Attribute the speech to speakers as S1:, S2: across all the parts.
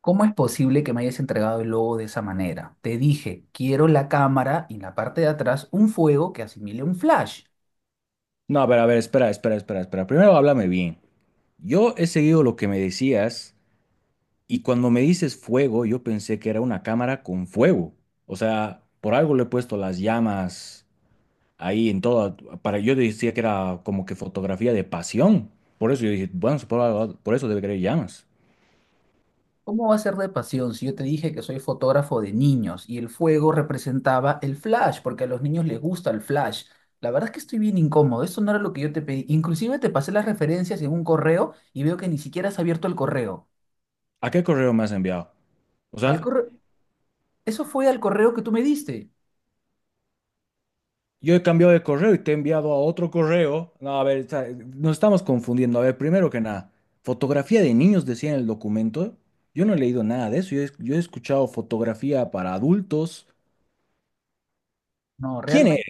S1: ¿Cómo es posible que me hayas entregado el logo de esa manera? Te dije, quiero la cámara y en la parte de atrás un fuego que asimile un flash.
S2: No, pero a ver, espera, espera, espera, espera. Primero háblame bien. Yo he seguido lo que me decías y cuando me dices fuego, yo pensé que era una cámara con fuego. O sea, por algo le he puesto las llamas ahí en toda, para yo decía que era como que fotografía de pasión. Por eso yo dije, bueno, por eso debe querer llamas.
S1: ¿Cómo va a ser de pasión si yo te dije que soy fotógrafo de niños y el fuego representaba el flash? Porque a los niños les gusta el flash. La verdad es que estoy bien incómodo. Eso no era lo que yo te pedí. Inclusive te pasé las referencias en un correo y veo que ni siquiera has abierto el correo.
S2: ¿A qué correo me has enviado? O
S1: Al
S2: sea,
S1: correo... Eso fue al correo que tú me diste.
S2: yo he cambiado de correo y te he enviado a otro correo. No, a ver, o sea, nos estamos confundiendo. A ver, primero que nada, fotografía de niños decía en el documento. Yo no he leído nada de eso. Yo he escuchado fotografía para adultos.
S1: No,
S2: ¿Quién es?
S1: realmente.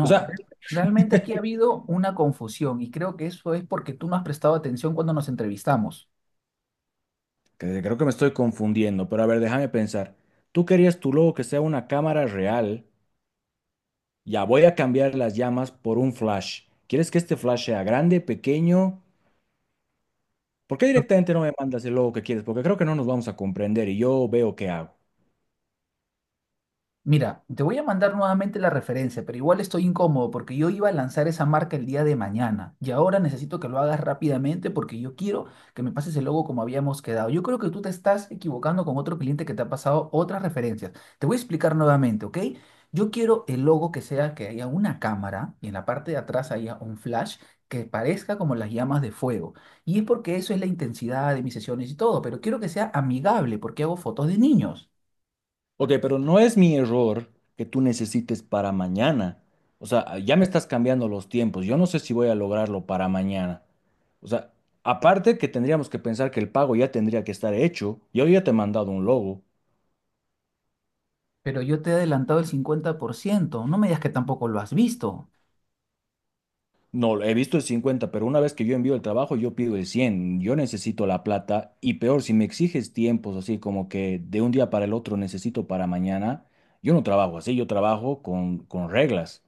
S2: O sea,
S1: re- realmente aquí ha habido una confusión y creo que eso es porque tú no has prestado atención cuando nos entrevistamos.
S2: creo que me estoy confundiendo, pero a ver, déjame pensar. Tú querías tu logo que sea una cámara real. Ya voy a cambiar las llamas por un flash. ¿Quieres que este flash sea grande, pequeño? ¿Por qué directamente no me mandas el logo que quieres? Porque creo que no nos vamos a comprender y yo veo qué hago.
S1: Mira, te voy a mandar nuevamente la referencia, pero igual estoy incómodo porque yo iba a lanzar esa marca el día de mañana y ahora necesito que lo hagas rápidamente porque yo quiero que me pases el logo como habíamos quedado. Yo creo que tú te estás equivocando con otro cliente que te ha pasado otras referencias. Te voy a explicar nuevamente, ¿ok? Yo quiero el logo que sea que haya una cámara y en la parte de atrás haya un flash que parezca como las llamas de fuego. Y es porque eso es la intensidad de mis sesiones y todo, pero quiero que sea amigable porque hago fotos de niños.
S2: Ok, pero no es mi error que tú necesites para mañana. O sea, ya me estás cambiando los tiempos. Yo no sé si voy a lograrlo para mañana. O sea, aparte que tendríamos que pensar que el pago ya tendría que estar hecho. Yo ya te he mandado un logo.
S1: Pero yo te he adelantado el 50%. No me digas que tampoco lo has visto.
S2: No, he visto el 50, pero una vez que yo envío el trabajo, yo pido el 100. Yo necesito la plata. Y peor, si me exiges tiempos así como que de un día para el otro necesito para mañana, yo no trabajo así, yo trabajo con reglas.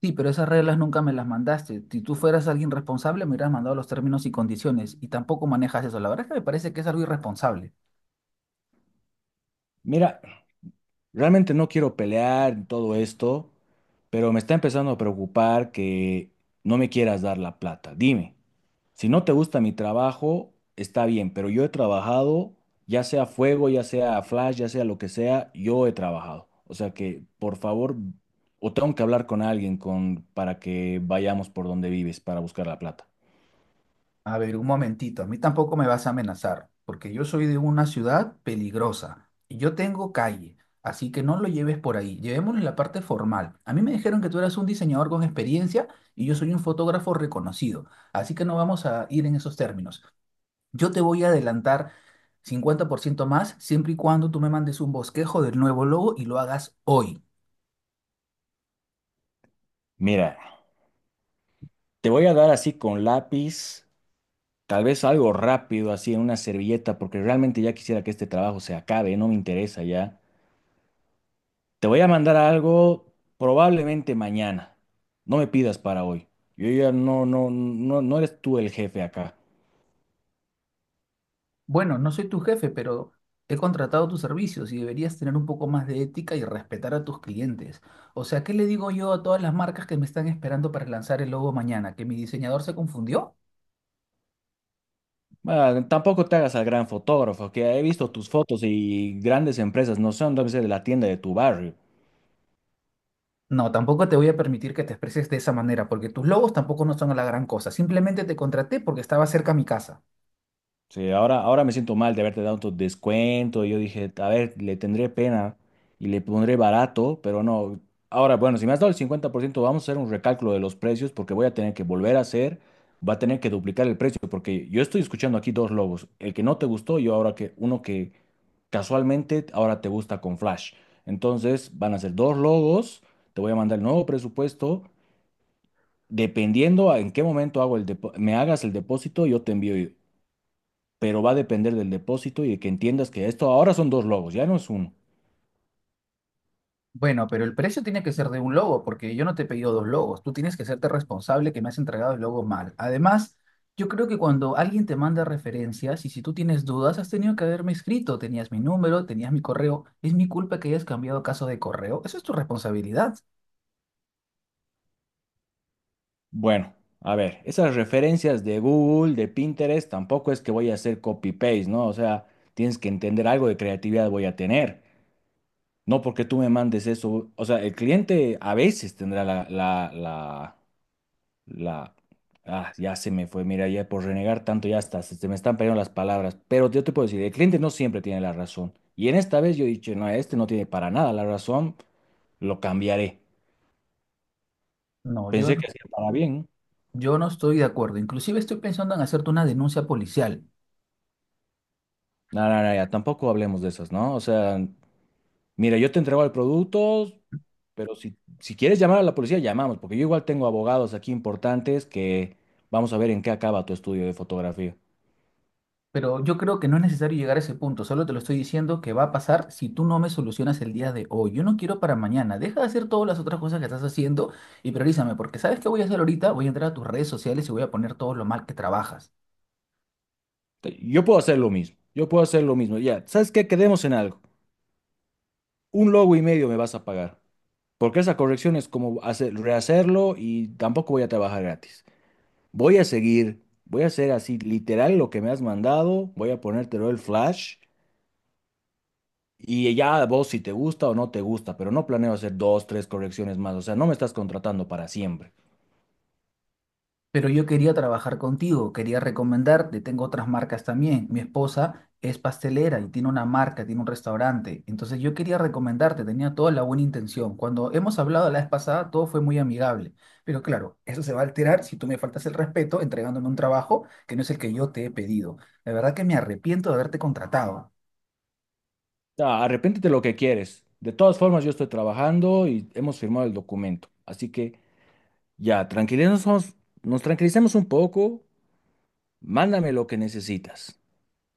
S1: Sí, pero esas reglas nunca me las mandaste. Si tú fueras alguien responsable, me hubieras mandado los términos y condiciones y tampoco manejas eso. La verdad es que me parece que es algo irresponsable.
S2: Mira, realmente no quiero pelear y todo esto, pero me está empezando a preocupar que no me quieras dar la plata. Dime, si no te gusta mi trabajo, está bien, pero yo he trabajado, ya sea fuego, ya sea flash, ya sea lo que sea, yo he trabajado. O sea que, por favor, o tengo que hablar con alguien con, para que vayamos por donde vives para buscar la plata.
S1: A ver, un momentito. A mí tampoco me vas a amenazar, porque yo soy de una ciudad peligrosa y yo tengo calle. Así que no lo lleves por ahí. Llevémoslo en la parte formal. A mí me dijeron que tú eras un diseñador con experiencia y yo soy un fotógrafo reconocido. Así que no vamos a ir en esos términos. Yo te voy a adelantar 50% más siempre y cuando tú me mandes un bosquejo del nuevo logo y lo hagas hoy.
S2: Mira, te voy a dar así con lápiz. Tal vez algo rápido, así en una servilleta, porque realmente ya quisiera que este trabajo se acabe, no me interesa ya. Te voy a mandar algo probablemente mañana. No me pidas para hoy. Yo ya no, no, no, no eres tú el jefe acá.
S1: Bueno, no soy tu jefe, pero he contratado tus servicios y deberías tener un poco más de ética y respetar a tus clientes. O sea, ¿qué le digo yo a todas las marcas que me están esperando para lanzar el logo mañana? ¿Que mi diseñador se confundió?
S2: Ah, tampoco te hagas al gran fotógrafo, que he visto tus fotos y grandes empresas no son, debe ser de la tienda de tu barrio.
S1: No, tampoco te voy a permitir que te expreses de esa manera, porque tus logos tampoco no son la gran cosa. Simplemente te contraté porque estaba cerca a mi casa.
S2: Sí, ahora, ahora me siento mal de haberte dado tu descuento. Yo dije, a ver, le tendré pena y le pondré barato, pero no. Ahora, bueno, si me has dado el 50%, vamos a hacer un recálculo de los precios porque voy a tener que volver a hacer, va a tener que duplicar el precio porque yo estoy escuchando aquí dos logos, el que no te gustó y ahora que uno que casualmente ahora te gusta con flash. Entonces, van a ser dos logos, te voy a mandar el nuevo presupuesto. Dependiendo a en qué momento hago me hagas el depósito, yo te envío pero va a depender del depósito y de que entiendas que esto ahora son dos logos, ya no es uno.
S1: Bueno, pero el precio tiene que ser de un logo, porque yo no te he pedido dos logos. Tú tienes que hacerte responsable que me has entregado el logo mal. Además, yo creo que cuando alguien te manda referencias y si tú tienes dudas, has tenido que haberme escrito. Tenías mi número, tenías mi correo. ¿Es mi culpa que hayas cambiado caso de correo? Eso es tu responsabilidad.
S2: Bueno, a ver, esas referencias de Google, de Pinterest, tampoco es que voy a hacer copy-paste, ¿no? O sea, tienes que entender algo de creatividad voy a tener. No porque tú me mandes eso. O sea, el cliente a veces tendrá la. Ah, ya se me fue, mira, ya por renegar tanto ya está, se me están perdiendo las palabras. Pero yo te puedo decir, el cliente no siempre tiene la razón. Y en esta vez yo he dicho, no, este no tiene para nada la razón, lo cambiaré.
S1: No, yo,
S2: Pensé
S1: no-
S2: que hacía para bien.
S1: yo no estoy de acuerdo. Inclusive estoy pensando en hacerte una denuncia policial.
S2: No, no, no, ya, tampoco hablemos de esas, ¿no? O sea, mira, yo te entrego el producto, pero si quieres llamar a la policía, llamamos, porque yo igual tengo abogados aquí importantes que vamos a ver en qué acaba tu estudio de fotografía.
S1: Pero yo creo que no es necesario llegar a ese punto, solo te lo estoy diciendo que va a pasar si tú no me solucionas el día de hoy. Yo no quiero para mañana, deja de hacer todas las otras cosas que estás haciendo y priorízame, porque ¿sabes qué voy a hacer ahorita? Voy a entrar a tus redes sociales y voy a poner todo lo mal que trabajas.
S2: Yo puedo hacer lo mismo, yo puedo hacer lo mismo. Ya, ¿sabes qué? Quedemos en algo. Un logo y medio me vas a pagar, porque esa corrección es como hacer, rehacerlo y tampoco voy a trabajar gratis. Voy a seguir, voy a hacer así literal lo que me has mandado, voy a ponértelo el flash. Y ya vos si te gusta o no te gusta, pero no planeo hacer dos, tres correcciones más. O sea, no me estás contratando para siempre.
S1: Pero yo quería trabajar contigo, quería recomendarte, tengo otras marcas también. Mi esposa es pastelera y tiene una marca, tiene un restaurante. Entonces yo quería recomendarte, tenía toda la buena intención. Cuando hemos hablado la vez pasada, todo fue muy amigable. Pero claro, eso se va a alterar si tú me faltas el respeto entregándome un trabajo que no es el que yo te he pedido. La verdad que me arrepiento de haberte contratado.
S2: O sea, arrepéntete lo que quieres. De todas formas, yo estoy trabajando y hemos firmado el documento. Así que ya, nos tranquilicemos un poco. Mándame lo que necesitas.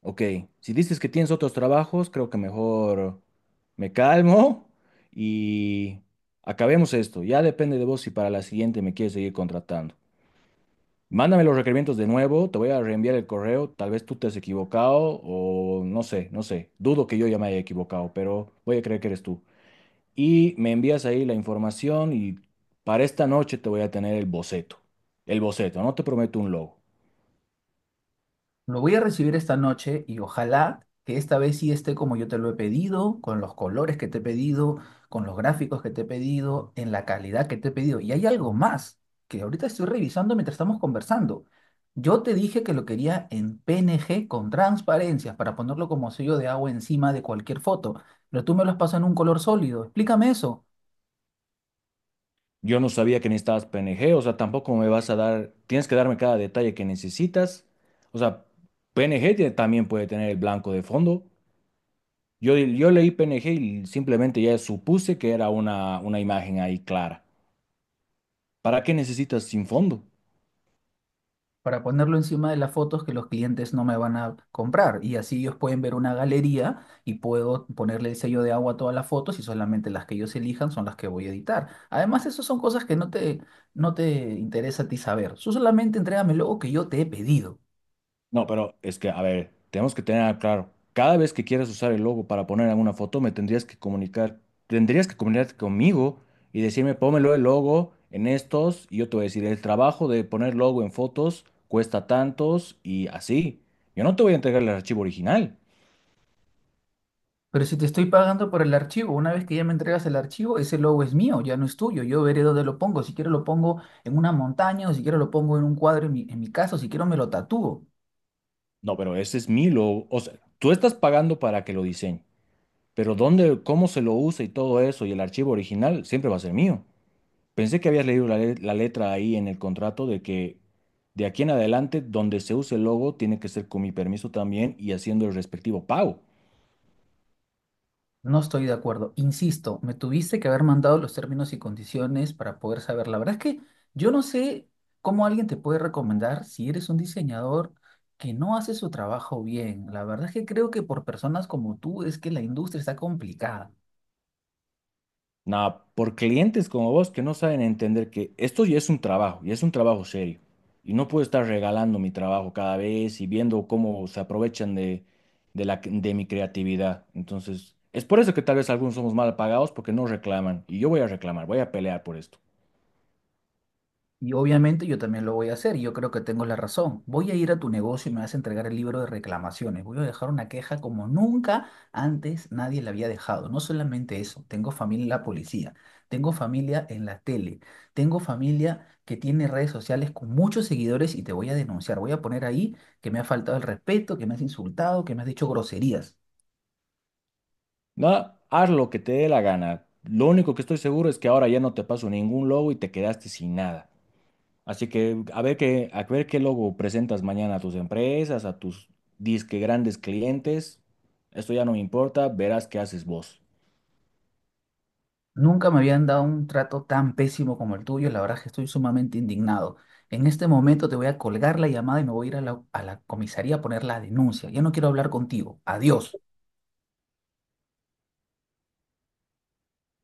S2: Ok, si dices que tienes otros trabajos, creo que mejor me calmo y acabemos esto. Ya depende de vos si para la siguiente me quieres seguir contratando. Mándame los requerimientos de nuevo, te voy a reenviar el correo, tal vez tú te has equivocado o no sé, no sé, dudo que yo ya me haya equivocado, pero voy a creer que eres tú. Y me envías ahí la información y para esta noche te voy a tener el boceto, no te prometo un logo.
S1: Lo voy a recibir esta noche y ojalá que esta vez sí esté como yo te lo he pedido, con los colores que te he pedido, con los gráficos que te he pedido, en la calidad que te he pedido. Y hay algo más que ahorita estoy revisando mientras estamos conversando. Yo te dije que lo quería en PNG con transparencias para ponerlo como sello de agua encima de cualquier foto, pero tú me lo has pasado en un color sólido. Explícame eso.
S2: Yo no sabía que necesitabas PNG, o sea, tampoco me vas a dar, tienes que darme cada detalle que necesitas. O sea, PNG también puede tener el blanco de fondo. Yo leí PNG y simplemente ya supuse que era una imagen ahí clara. ¿Para qué necesitas sin fondo?
S1: Para ponerlo encima de las fotos que los clientes no me van a comprar. Y así ellos pueden ver una galería y puedo ponerle el sello de agua a todas las fotos y solamente las que ellos elijan son las que voy a editar. Además, esas son cosas que no te interesa a ti saber. Tú solamente entrégame el logo que yo te he pedido.
S2: No, pero es que, a ver, tenemos que tener claro, cada vez que quieras usar el logo para poner alguna foto, me tendrías que comunicar, tendrías que comunicarte conmigo y decirme, pónmelo el logo en estos, y yo te voy a decir, el trabajo de poner logo en fotos cuesta tantos y así. Yo no te voy a entregar el archivo original.
S1: Pero si te estoy pagando por el archivo, una vez que ya me entregas el archivo, ese logo es mío, ya no es tuyo. Yo veré dónde lo pongo. Si quiero lo pongo en una montaña, o si quiero lo pongo en un cuadro en mi casa, o si quiero me lo tatúo.
S2: No, pero ese es mi logo. O sea, tú estás pagando para que lo diseñe, pero dónde, cómo se lo usa y todo eso y el archivo original siempre va a ser mío. Pensé que habías leído la letra ahí en el contrato de que de aquí en adelante, donde se use el logo, tiene que ser con mi permiso también y haciendo el respectivo pago.
S1: No estoy de acuerdo. Insisto, me tuviste que haber mandado los términos y condiciones para poder saber. La verdad es que yo no sé cómo alguien te puede recomendar si eres un diseñador que no hace su trabajo bien. La verdad es que creo que por personas como tú es que la industria está complicada.
S2: Nada, por clientes como vos que no saben entender que esto ya es un trabajo, y es un trabajo serio. Y no puedo estar regalando mi trabajo cada vez y viendo cómo se aprovechan de mi creatividad. Entonces, es por eso que tal vez algunos somos mal pagados porque no reclaman. Y yo voy a reclamar, voy a pelear por esto.
S1: Y obviamente yo también lo voy a hacer, y yo creo que tengo la razón. Voy a ir a tu negocio y me vas a entregar el libro de reclamaciones. Voy a dejar una queja como nunca antes nadie la había dejado. No solamente eso, tengo familia en la policía, tengo familia en la tele, tengo familia que tiene redes sociales con muchos seguidores y te voy a denunciar. Voy a poner ahí que me ha faltado el respeto, que me has insultado, que me has dicho groserías.
S2: No, haz lo que te dé la gana. Lo único que estoy seguro es que ahora ya no te paso ningún logo y te quedaste sin nada. Así que a ver qué logo presentas mañana a tus empresas, a tus disque grandes clientes. Esto ya no me importa, verás qué haces vos.
S1: Nunca me habían dado un trato tan pésimo como el tuyo, la verdad es que estoy sumamente indignado. En este momento te voy a colgar la llamada y me voy a ir a la comisaría a poner la denuncia. Ya no quiero hablar contigo. Adiós.